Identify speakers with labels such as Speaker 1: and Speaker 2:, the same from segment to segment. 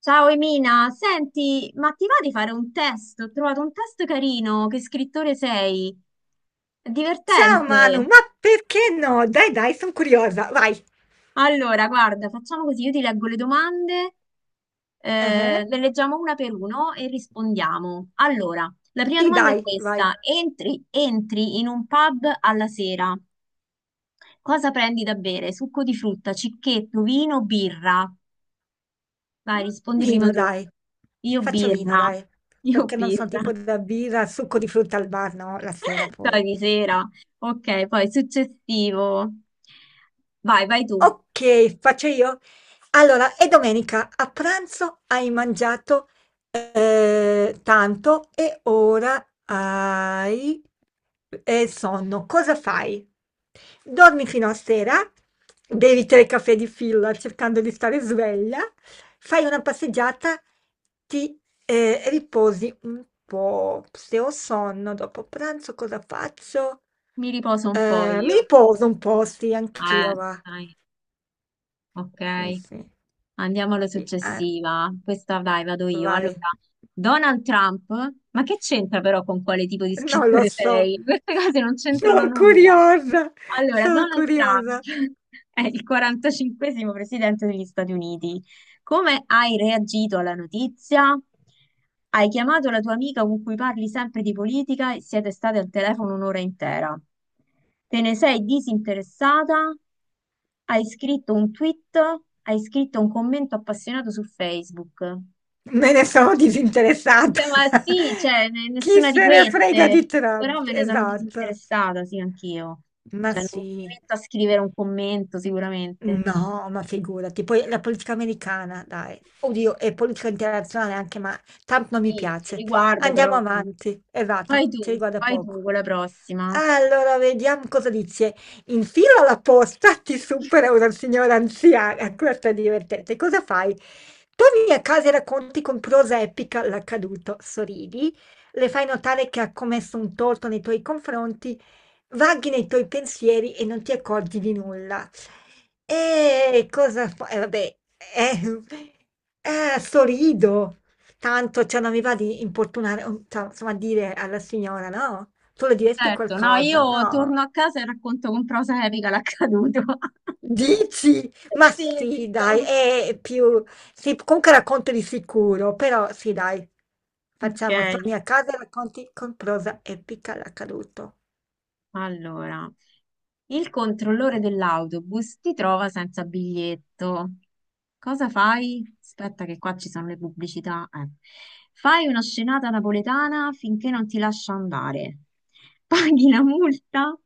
Speaker 1: Ciao Emina, senti, ma ti va di fare un test? Ho trovato un test carino, che scrittore sei? È
Speaker 2: Ciao
Speaker 1: divertente.
Speaker 2: Manu, ma perché no? Dai, dai, sono curiosa. Vai.
Speaker 1: Allora, guarda, facciamo così, io ti leggo le domande,
Speaker 2: Eh,
Speaker 1: le leggiamo una per uno e rispondiamo. Allora, la prima
Speaker 2: Sì,
Speaker 1: domanda è
Speaker 2: dai, vai.
Speaker 1: questa. Entri in un pub alla sera, cosa prendi da bere? Succo di frutta, cicchetto, vino, birra? Vai,
Speaker 2: Un
Speaker 1: rispondi prima
Speaker 2: vino,
Speaker 1: tu.
Speaker 2: dai.
Speaker 1: Io
Speaker 2: Faccio vino,
Speaker 1: birra,
Speaker 2: dai.
Speaker 1: io
Speaker 2: Perché non sono
Speaker 1: birra.
Speaker 2: tipo da birra, succo di frutta al bar, no? La sera
Speaker 1: Dai,
Speaker 2: poi.
Speaker 1: di sera. Ok, poi successivo. Vai, vai tu.
Speaker 2: Ok, faccio io? Allora, e domenica a pranzo hai mangiato, tanto e ora hai, sonno. Cosa fai? Dormi fino a sera, bevi 3 caffè di fila cercando di stare sveglia, fai una passeggiata, ti, riposi un po'. Se ho sonno dopo pranzo cosa faccio?
Speaker 1: Mi riposo un po'
Speaker 2: Mi
Speaker 1: io.
Speaker 2: riposo un po', sì,
Speaker 1: Eh,
Speaker 2: anch'io va.
Speaker 1: dai, ok.
Speaker 2: Sì, sì.
Speaker 1: Andiamo alla
Speaker 2: Sì, eh.
Speaker 1: successiva. Questa, dai, vado io. Allora,
Speaker 2: Vai.
Speaker 1: Donald Trump, ma che c'entra però con quale tipo di
Speaker 2: Non lo
Speaker 1: scrittore
Speaker 2: so.
Speaker 1: sei? Queste cose non c'entrano
Speaker 2: Sono
Speaker 1: nulla.
Speaker 2: curiosa,
Speaker 1: Allora,
Speaker 2: sono
Speaker 1: Donald Trump
Speaker 2: curiosa.
Speaker 1: è il 45esimo presidente degli Stati Uniti. Come hai reagito alla notizia? Hai chiamato la tua amica con cui parli sempre di politica e siete state al telefono un'ora intera. Te ne sei disinteressata? Hai scritto un tweet? Hai scritto un commento appassionato su Facebook?
Speaker 2: Me ne sono disinteressata.
Speaker 1: Minchia, ma sì, cioè,
Speaker 2: Chi
Speaker 1: nessuna di
Speaker 2: se ne frega
Speaker 1: queste,
Speaker 2: di Trump?
Speaker 1: però me ne sono
Speaker 2: Esatto.
Speaker 1: disinteressata, sì, anch'io.
Speaker 2: Ma
Speaker 1: Cioè, non mi
Speaker 2: sì.
Speaker 1: metto a scrivere un commento sicuramente.
Speaker 2: No, ma figurati, poi la politica americana, dai, oddio, e politica internazionale anche, ma Trump non mi
Speaker 1: Sì, ci
Speaker 2: piace.
Speaker 1: riguarda,
Speaker 2: Andiamo
Speaker 1: però. No.
Speaker 2: avanti, errata,
Speaker 1: Vai tu,
Speaker 2: ci riguarda poco.
Speaker 1: con la prossima.
Speaker 2: Allora, vediamo cosa dice. In fila alla posta ti supera una signora anziana, questa è divertente. Cosa fai? Torni a casa e racconti con prosa epica l'accaduto, sorridi, le fai notare che ha commesso un torto nei tuoi confronti. Vaghi nei tuoi pensieri e non ti accorgi di nulla. E cosa fa? Vabbè, eh, sorrido. Tanto, cioè, non mi va di importunare, cioè, insomma, dire alla signora, no? Tu le diresti
Speaker 1: Certo, no,
Speaker 2: qualcosa?
Speaker 1: io
Speaker 2: No.
Speaker 1: torno a casa e racconto con prosa epica l'accaduto.
Speaker 2: Dici? Ma
Speaker 1: Sì,
Speaker 2: sì, dai,
Speaker 1: esistono.
Speaker 2: è più. Sì, comunque racconto di sicuro, però sì, dai.
Speaker 1: Ok.
Speaker 2: Facciamo, torni a casa e racconti con prosa epica l'accaduto.
Speaker 1: Allora, il controllore dell'autobus ti trova senza biglietto. Cosa fai? Aspetta che qua ci sono le pubblicità. Fai una scenata napoletana finché non ti lascia andare. Paghi la multa,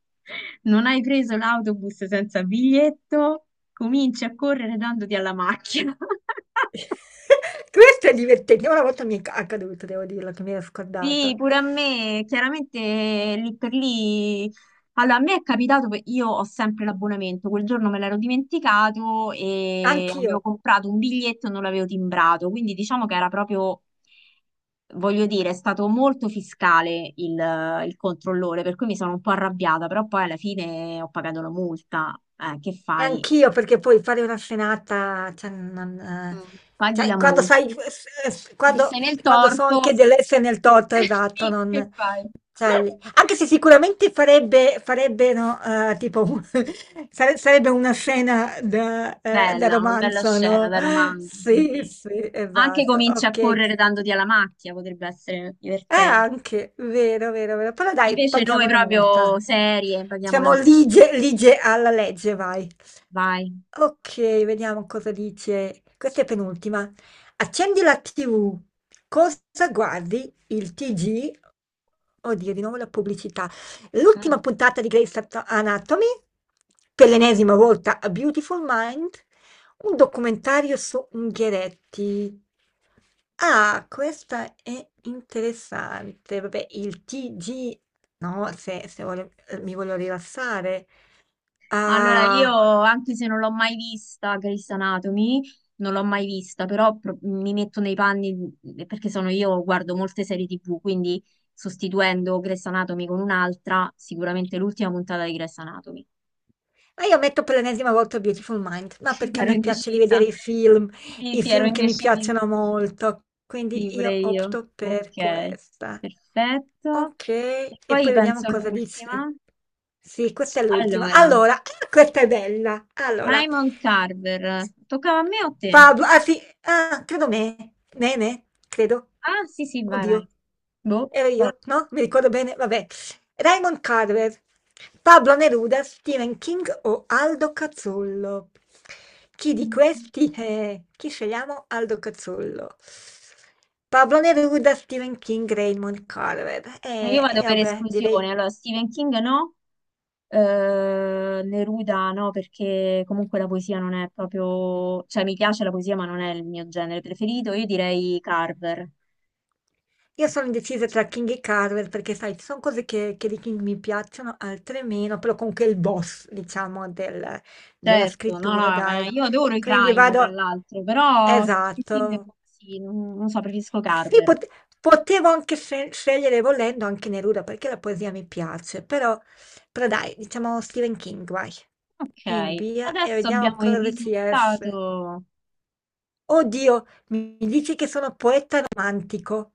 Speaker 1: non hai preso l'autobus senza biglietto, cominci a correre dandoti alla macchina.
Speaker 2: Questo è divertente. Una volta mi è accaduto, devo dirlo, che mi ero
Speaker 1: Sì,
Speaker 2: scordata.
Speaker 1: pure a me, chiaramente lì per lì. Allora, a me è capitato, che io ho sempre l'abbonamento, quel giorno me l'ero dimenticato e avevo
Speaker 2: Anch'io,
Speaker 1: comprato un biglietto e non l'avevo timbrato, quindi diciamo che era proprio, voglio dire, è stato molto fiscale il controllore, per cui mi sono un po' arrabbiata, però poi alla fine ho pagato la multa. Che
Speaker 2: e
Speaker 1: fai?
Speaker 2: anch'io, perché poi fare una scenata, cioè, non,
Speaker 1: Mm. Paghi
Speaker 2: cioè,
Speaker 1: la
Speaker 2: quando
Speaker 1: multa.
Speaker 2: sai, quando,
Speaker 1: Sei nel
Speaker 2: quando so anche
Speaker 1: torto.
Speaker 2: dell'essere nel torto, esatto,
Speaker 1: Sì, che
Speaker 2: non,
Speaker 1: fai?
Speaker 2: cioè, anche se sicuramente farebbe, no, tipo, sarebbe una scena da, da
Speaker 1: Bella, una bella
Speaker 2: romanzo,
Speaker 1: scena
Speaker 2: no?
Speaker 1: da romanzo, sì,
Speaker 2: Sì,
Speaker 1: sì.
Speaker 2: sì,
Speaker 1: Ma anche
Speaker 2: esatto,
Speaker 1: cominci a
Speaker 2: ok.
Speaker 1: correre dandoti alla macchia, potrebbe essere
Speaker 2: Eh,
Speaker 1: divertente.
Speaker 2: anche, vero, vero, vero. Però dai,
Speaker 1: Invece noi
Speaker 2: paghiamo la
Speaker 1: proprio
Speaker 2: multa.
Speaker 1: serie, paghiamo la
Speaker 2: Siamo
Speaker 1: multa.
Speaker 2: lige, lige alla legge, vai.
Speaker 1: Vai.
Speaker 2: Ok, vediamo cosa dice. Questa è penultima. Accendi la TV. Cosa guardi? Il TG? Oddio, di nuovo la pubblicità.
Speaker 1: Mm.
Speaker 2: L'ultima puntata di Grey's Anatomy, per l'ennesima volta a Beautiful Mind, un documentario su Unghieretti. Ah, questa è interessante. Vabbè, il TG, no, se mi voglio rilassare.
Speaker 1: Allora, io,
Speaker 2: Ah.
Speaker 1: anche se non l'ho mai vista, Grey's Anatomy, non l'ho mai vista, però mi metto nei panni, perché sono io, guardo molte serie TV, quindi sostituendo Grey's Anatomy con un'altra, sicuramente l'ultima puntata di Grey's Anatomy.
Speaker 2: Ma io metto per l'ennesima volta Beautiful Mind, ma perché a
Speaker 1: Ero
Speaker 2: me piace rivedere
Speaker 1: indecisa. Sì,
Speaker 2: i
Speaker 1: sì, ero
Speaker 2: film che mi
Speaker 1: indecisa.
Speaker 2: piacciono molto,
Speaker 1: Sì,
Speaker 2: quindi
Speaker 1: pure
Speaker 2: io
Speaker 1: io.
Speaker 2: opto
Speaker 1: Ok,
Speaker 2: per questa.
Speaker 1: perfetto.
Speaker 2: Ok,
Speaker 1: E
Speaker 2: e
Speaker 1: poi
Speaker 2: poi vediamo
Speaker 1: penso
Speaker 2: cosa dice.
Speaker 1: l'ultima.
Speaker 2: Sì, questa è l'ultima.
Speaker 1: Allora,
Speaker 2: Allora, ah, questa è bella. Allora,
Speaker 1: Raymond Carver. Toccava a me o a te?
Speaker 2: Pablo, ah sì, ah, credo me, credo.
Speaker 1: Ah, sì, sì, vai,
Speaker 2: Oddio,
Speaker 1: vai. Boh,
Speaker 2: ero
Speaker 1: vai.
Speaker 2: io, no? Mi ricordo bene, vabbè. Raymond Carver, Pablo Neruda, Stephen King o Aldo Cazzollo? Chi di
Speaker 1: Mm.
Speaker 2: questi è? Chi scegliamo? Aldo Cazzollo. Pablo Neruda, Stephen King, Raymond Carver.
Speaker 1: Io
Speaker 2: E,
Speaker 1: vado
Speaker 2: e
Speaker 1: per
Speaker 2: vabbè, direi.
Speaker 1: esclusione. Allora, Stephen King no, Neruda no, perché comunque la poesia non è proprio... Cioè, mi piace la poesia, ma non è il mio genere preferito. Io direi Carver.
Speaker 2: Io sono indecisa tra King e Carver perché, sai, ci sono cose che, di King mi piacciono, altre meno, però comunque è il boss, diciamo, della
Speaker 1: Certo, no,
Speaker 2: scrittura,
Speaker 1: no, ma
Speaker 2: dai.
Speaker 1: io adoro i
Speaker 2: Quindi
Speaker 1: crime, tra
Speaker 2: vado.
Speaker 1: l'altro, però Stephen King è
Speaker 2: Esatto.
Speaker 1: così, non so, preferisco
Speaker 2: Sì,
Speaker 1: Carver.
Speaker 2: potevo anche scegliere volendo anche Neruda perché la poesia mi piace, però dai, diciamo Stephen King, vai, in
Speaker 1: Ok,
Speaker 2: via e
Speaker 1: adesso
Speaker 2: vediamo
Speaker 1: abbiamo il
Speaker 2: cosa ci esce.
Speaker 1: risultato.
Speaker 2: Oddio, mi dici che sono poeta romantico.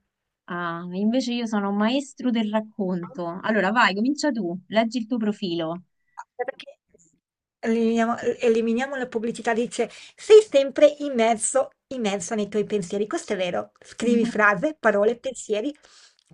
Speaker 1: Ah, invece io sono un maestro del racconto. Allora, vai, comincia tu, leggi il tuo profilo.
Speaker 2: Perché eliminiamo, eliminiamo la pubblicità, dice, sei sempre immerso, immerso nei tuoi pensieri. Questo è vero. Scrivi
Speaker 1: Mhm,
Speaker 2: frase, parole, pensieri,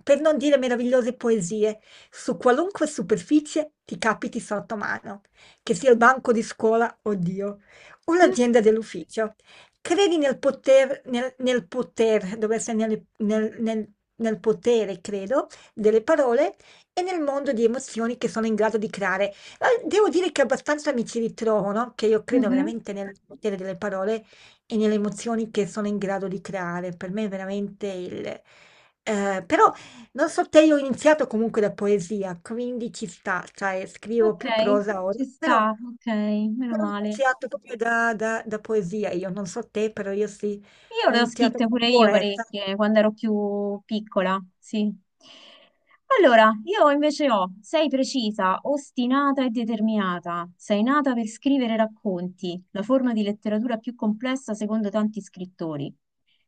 Speaker 2: per non dire meravigliose poesie. Su qualunque superficie ti capiti sotto mano, che sia il banco di scuola, oddio, o l'agenda dell'ufficio. Credi nel poter, dovrebbe essere nel potere, credo, delle parole e nel mondo di emozioni che sono in grado di creare. Devo dire che abbastanza mi ci ritrovo, no? Che io credo
Speaker 1: mhm,
Speaker 2: veramente nel potere delle parole e nelle emozioni che sono in grado di creare. Per me è veramente il. Però, non so, te, io ho iniziato comunque da poesia, quindi ci sta, cioè scrivo
Speaker 1: ok,
Speaker 2: più prosa ora,
Speaker 1: ci
Speaker 2: però,
Speaker 1: sta, ok, meno
Speaker 2: però ho
Speaker 1: male.
Speaker 2: iniziato proprio da, da poesia. Io non so te, però io sì,
Speaker 1: Io
Speaker 2: ho
Speaker 1: le ho
Speaker 2: iniziato
Speaker 1: scritte pure io
Speaker 2: come poeta.
Speaker 1: parecchie quando ero più piccola, sì. Allora, io invece ho, sei precisa, ostinata e determinata, sei nata per scrivere racconti, la forma di letteratura più complessa secondo tanti scrittori.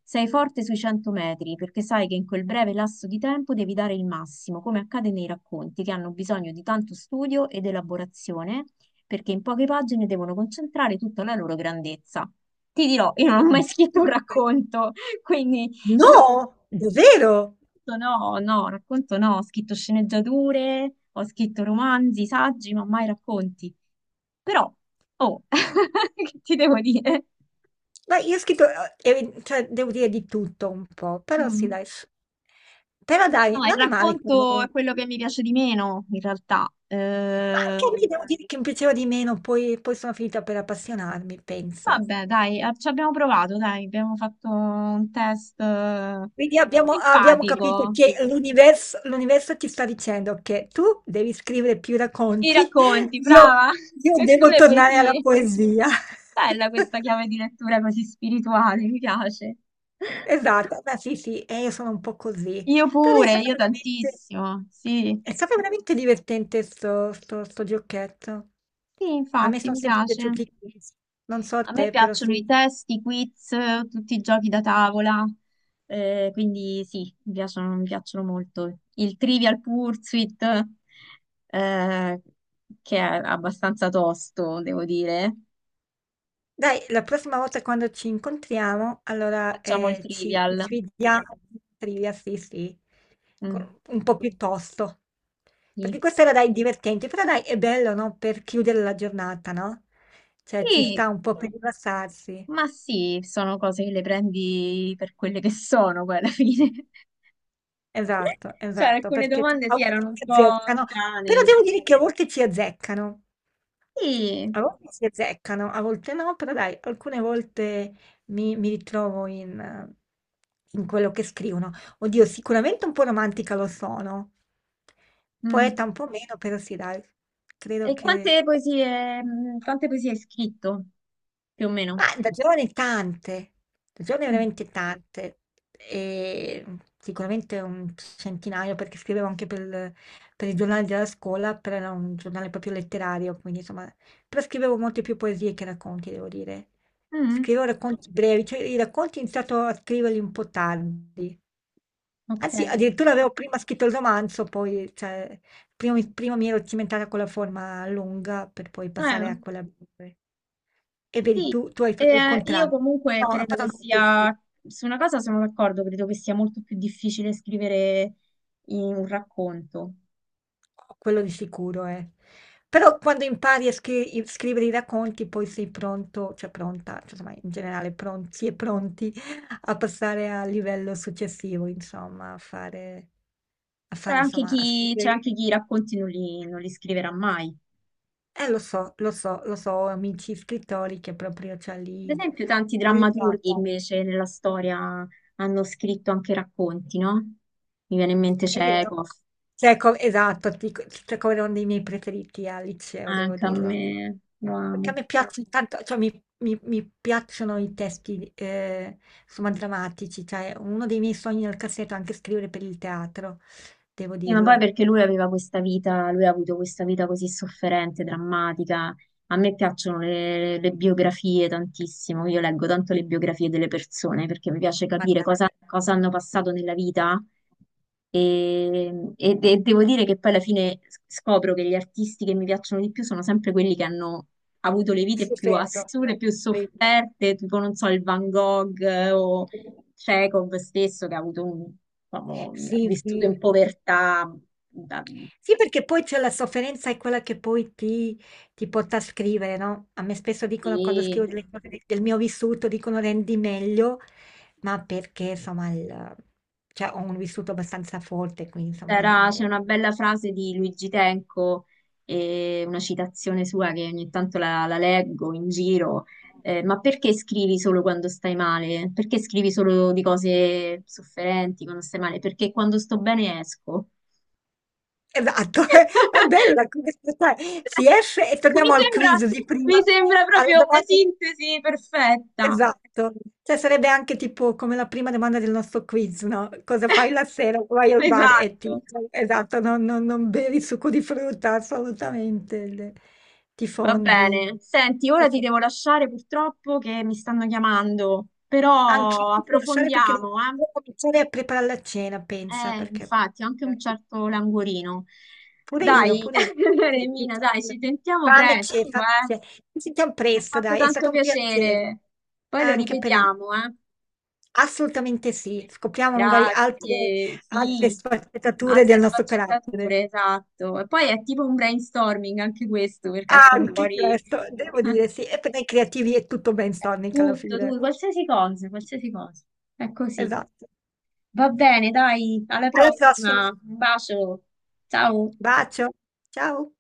Speaker 1: Sei forte sui 100 metri perché sai che in quel breve lasso di tempo devi dare il massimo, come accade nei racconti che hanno bisogno di tanto studio ed elaborazione perché in poche pagine devono concentrare tutta la loro grandezza. Ti dirò, io non ho mai scritto un racconto, quindi racconto
Speaker 2: No, davvero?
Speaker 1: no, no, racconto no, ho scritto sceneggiature, ho scritto romanzi, saggi, ma mai racconti. Però, oh, che ti devo dire?
Speaker 2: Dai, io ho scritto, cioè, devo dire di tutto un po', però sì,
Speaker 1: Mm.
Speaker 2: dai. Però dai,
Speaker 1: No, il
Speaker 2: non è male come.
Speaker 1: racconto
Speaker 2: Ma
Speaker 1: è quello che mi piace di meno, in realtà.
Speaker 2: anche a me devo dire che mi piaceva di meno, poi, sono finita per appassionarmi, pensa.
Speaker 1: Vabbè, dai, ah, ci abbiamo provato, dai, abbiamo fatto un test
Speaker 2: Quindi abbiamo capito
Speaker 1: empatico.
Speaker 2: che l'universo ti sta dicendo che tu devi scrivere più
Speaker 1: I
Speaker 2: racconti,
Speaker 1: racconti,
Speaker 2: io,
Speaker 1: brava!
Speaker 2: io
Speaker 1: E tu
Speaker 2: devo
Speaker 1: le
Speaker 2: tornare alla
Speaker 1: poesie.
Speaker 2: poesia.
Speaker 1: Bella questa chiave di lettura così spirituale, mi piace.
Speaker 2: Esatto, beh sì, sì, e io sono un po' così.
Speaker 1: Io
Speaker 2: Però è
Speaker 1: pure,
Speaker 2: stato
Speaker 1: io
Speaker 2: veramente,
Speaker 1: tantissimo, sì.
Speaker 2: è stato veramente divertente sto giocchetto.
Speaker 1: Sì,
Speaker 2: A me
Speaker 1: infatti,
Speaker 2: sono
Speaker 1: mi
Speaker 2: sempre
Speaker 1: piace.
Speaker 2: piaciuti i quiz. Non so a
Speaker 1: A me
Speaker 2: te, però sì.
Speaker 1: piacciono i testi, i quiz, tutti i giochi da tavola, quindi sì, mi piacciono molto. Il Trivial Pursuit, eh, che è abbastanza tosto, devo dire.
Speaker 2: Dai, la prossima volta quando ci incontriamo, allora
Speaker 1: Facciamo il
Speaker 2: ci
Speaker 1: Trivial.
Speaker 2: sfidiamo in trivia, sì, sì,
Speaker 1: Mm,
Speaker 2: un po' più tosto. Perché
Speaker 1: sì.
Speaker 2: questo era, dai, divertente, però dai, è bello, no? Per chiudere la giornata, no? Cioè, ci
Speaker 1: Sì,
Speaker 2: sta un po' per rilassarsi.
Speaker 1: ma sì, sono cose che le prendi per quelle che sono, poi alla fine.
Speaker 2: Esatto,
Speaker 1: Cioè,
Speaker 2: esatto,
Speaker 1: alcune
Speaker 2: perché
Speaker 1: domande
Speaker 2: a
Speaker 1: sì,
Speaker 2: volte
Speaker 1: erano un
Speaker 2: ci
Speaker 1: po'
Speaker 2: azzeccano, però
Speaker 1: strane.
Speaker 2: devo dire che a volte ci azzeccano.
Speaker 1: Sì.
Speaker 2: A volte si azzeccano, a volte no, però dai, alcune volte mi ritrovo in quello che scrivono. Oddio, sicuramente un po' romantica lo sono,
Speaker 1: Mm.
Speaker 2: poeta un po' meno, però sì, dai,
Speaker 1: E
Speaker 2: credo che.
Speaker 1: quante poesie hai scritto, più o meno?
Speaker 2: Ma da giovane tante, da giovane
Speaker 1: Mm.
Speaker 2: veramente tante, e sicuramente un centinaio perché scrivevo anche per il giornale della scuola, però era un giornale proprio letterario, quindi insomma, però scrivevo molte più poesie che racconti, devo dire.
Speaker 1: Mm.
Speaker 2: Scrivevo racconti brevi, cioè i racconti ho iniziato a scriverli un po' tardi.
Speaker 1: Ok.
Speaker 2: Anzi, addirittura avevo prima scritto il romanzo, poi cioè, Prima mi ero cimentata con la forma lunga per poi passare a quella breve. E vedi,
Speaker 1: Sì.
Speaker 2: tu hai fatto il
Speaker 1: Io
Speaker 2: contrario.
Speaker 1: comunque
Speaker 2: No, ha
Speaker 1: credo
Speaker 2: fatto
Speaker 1: che
Speaker 2: anche tu, sì.
Speaker 1: sia, su una cosa sono d'accordo, credo che sia molto più difficile scrivere in un racconto.
Speaker 2: Quello di sicuro, eh. Però quando impari a scrivere i racconti, poi sei pronto, cioè pronta, cioè, insomma, in generale pronti e pronti a passare al livello successivo, insomma, a fare, a
Speaker 1: C'è
Speaker 2: fare,
Speaker 1: anche
Speaker 2: insomma, a
Speaker 1: chi, c'è anche
Speaker 2: scrivere.
Speaker 1: chi i racconti non li scriverà mai.
Speaker 2: Lo so, lo so, lo so, ho amici scrittori che proprio, cioè,
Speaker 1: Per
Speaker 2: lì
Speaker 1: esempio, tanti
Speaker 2: non gli
Speaker 1: drammaturghi
Speaker 2: piace.
Speaker 1: invece nella storia hanno scritto anche racconti, no? Mi viene in mente
Speaker 2: È vero.
Speaker 1: Chekhov,
Speaker 2: Cioè, esatto, cioè, come uno dei miei preferiti al liceo, devo
Speaker 1: anche a
Speaker 2: dirlo.
Speaker 1: me, lo
Speaker 2: Perché a
Speaker 1: amo.
Speaker 2: me piacciono tanto, cioè, mi piacciono i testi, insomma, drammatici. Cioè, uno dei miei sogni nel cassetto è anche scrivere per il teatro, devo
Speaker 1: Sì, ma poi
Speaker 2: dirlo.
Speaker 1: perché lui aveva questa vita, lui ha avuto questa vita così sofferente, drammatica. A me piacciono le biografie tantissimo, io leggo tanto le biografie delle persone perché mi piace
Speaker 2: Ma
Speaker 1: capire
Speaker 2: dai,
Speaker 1: cosa, cosa hanno passato nella vita e devo dire che poi alla fine scopro che gli artisti che mi piacciono di più sono sempre quelli che hanno avuto le vite più
Speaker 2: stupendo.
Speaker 1: assurde, più
Speaker 2: Stupendo.
Speaker 1: sofferte, tipo non so, il Van Gogh o Chekhov stesso che ha avuto diciamo, ha
Speaker 2: Sì, sì.
Speaker 1: vissuto
Speaker 2: Sì.
Speaker 1: in povertà. da-
Speaker 2: Sì, perché poi c'è la sofferenza è quella che poi ti porta a scrivere, no? A me spesso dicono quando scrivo
Speaker 1: e
Speaker 2: delle cose del mio vissuto, dicono rendi meglio, ma perché insomma cioè, ho un vissuto abbastanza forte, quindi insomma.
Speaker 1: C'è una bella frase di Luigi Tenco, e una citazione sua che ogni tanto la, la leggo in giro. Ma perché scrivi solo quando stai male? Perché scrivi solo di cose sofferenti quando stai male? Perché quando sto bene esco.
Speaker 2: Esatto, è bella come sai. Si esce e
Speaker 1: Mi
Speaker 2: torniamo al
Speaker 1: sembra,
Speaker 2: quiz di prima,
Speaker 1: mi sembra
Speaker 2: alla
Speaker 1: proprio una
Speaker 2: domanda.
Speaker 1: sintesi perfetta.
Speaker 2: Esatto, cioè sarebbe anche tipo come la prima domanda del nostro quiz, no? Cosa fai la sera? Vai al bar e ti.
Speaker 1: Esatto.
Speaker 2: Esatto, non, non bevi succo di frutta, assolutamente. Ti
Speaker 1: Va
Speaker 2: fondi.
Speaker 1: bene, senti,
Speaker 2: Ti
Speaker 1: ora ti devo
Speaker 2: fondi.
Speaker 1: lasciare purtroppo che mi stanno chiamando,
Speaker 2: Anche
Speaker 1: però
Speaker 2: io devo lasciare perché devo,
Speaker 1: approfondiamo, eh?
Speaker 2: devo cominciare a preparare la cena, pensa, perché.
Speaker 1: Infatti, ho anche un certo languorino.
Speaker 2: Pure io,
Speaker 1: Dai,
Speaker 2: pure io.
Speaker 1: Remina, dai, ci sentiamo
Speaker 2: Fame c'è,
Speaker 1: presto,
Speaker 2: fame
Speaker 1: eh?
Speaker 2: c'è. Ci sentiamo
Speaker 1: Mi ha
Speaker 2: presto,
Speaker 1: fatto
Speaker 2: dai, è
Speaker 1: tanto
Speaker 2: stato un piacere.
Speaker 1: piacere. Poi lo
Speaker 2: Anche per me.
Speaker 1: ripetiamo, eh?
Speaker 2: Assolutamente sì, scopriamo magari altre
Speaker 1: Grazie,
Speaker 2: altre
Speaker 1: sì,
Speaker 2: sfaccettature
Speaker 1: altre
Speaker 2: del nostro carattere.
Speaker 1: sfaccettature, esatto. E poi è tipo un brainstorming anche questo, perché escono
Speaker 2: Anche
Speaker 1: fuori...
Speaker 2: questo, devo dire sì, e per noi creativi è tutto brainstorming alla
Speaker 1: Tutto,
Speaker 2: fine.
Speaker 1: tutto, qualsiasi cosa, qualsiasi cosa. È così.
Speaker 2: Esatto.
Speaker 1: Va bene, dai, alla
Speaker 2: Alla prossima.
Speaker 1: prossima. Un bacio. Ciao.
Speaker 2: Bacio. Ciao.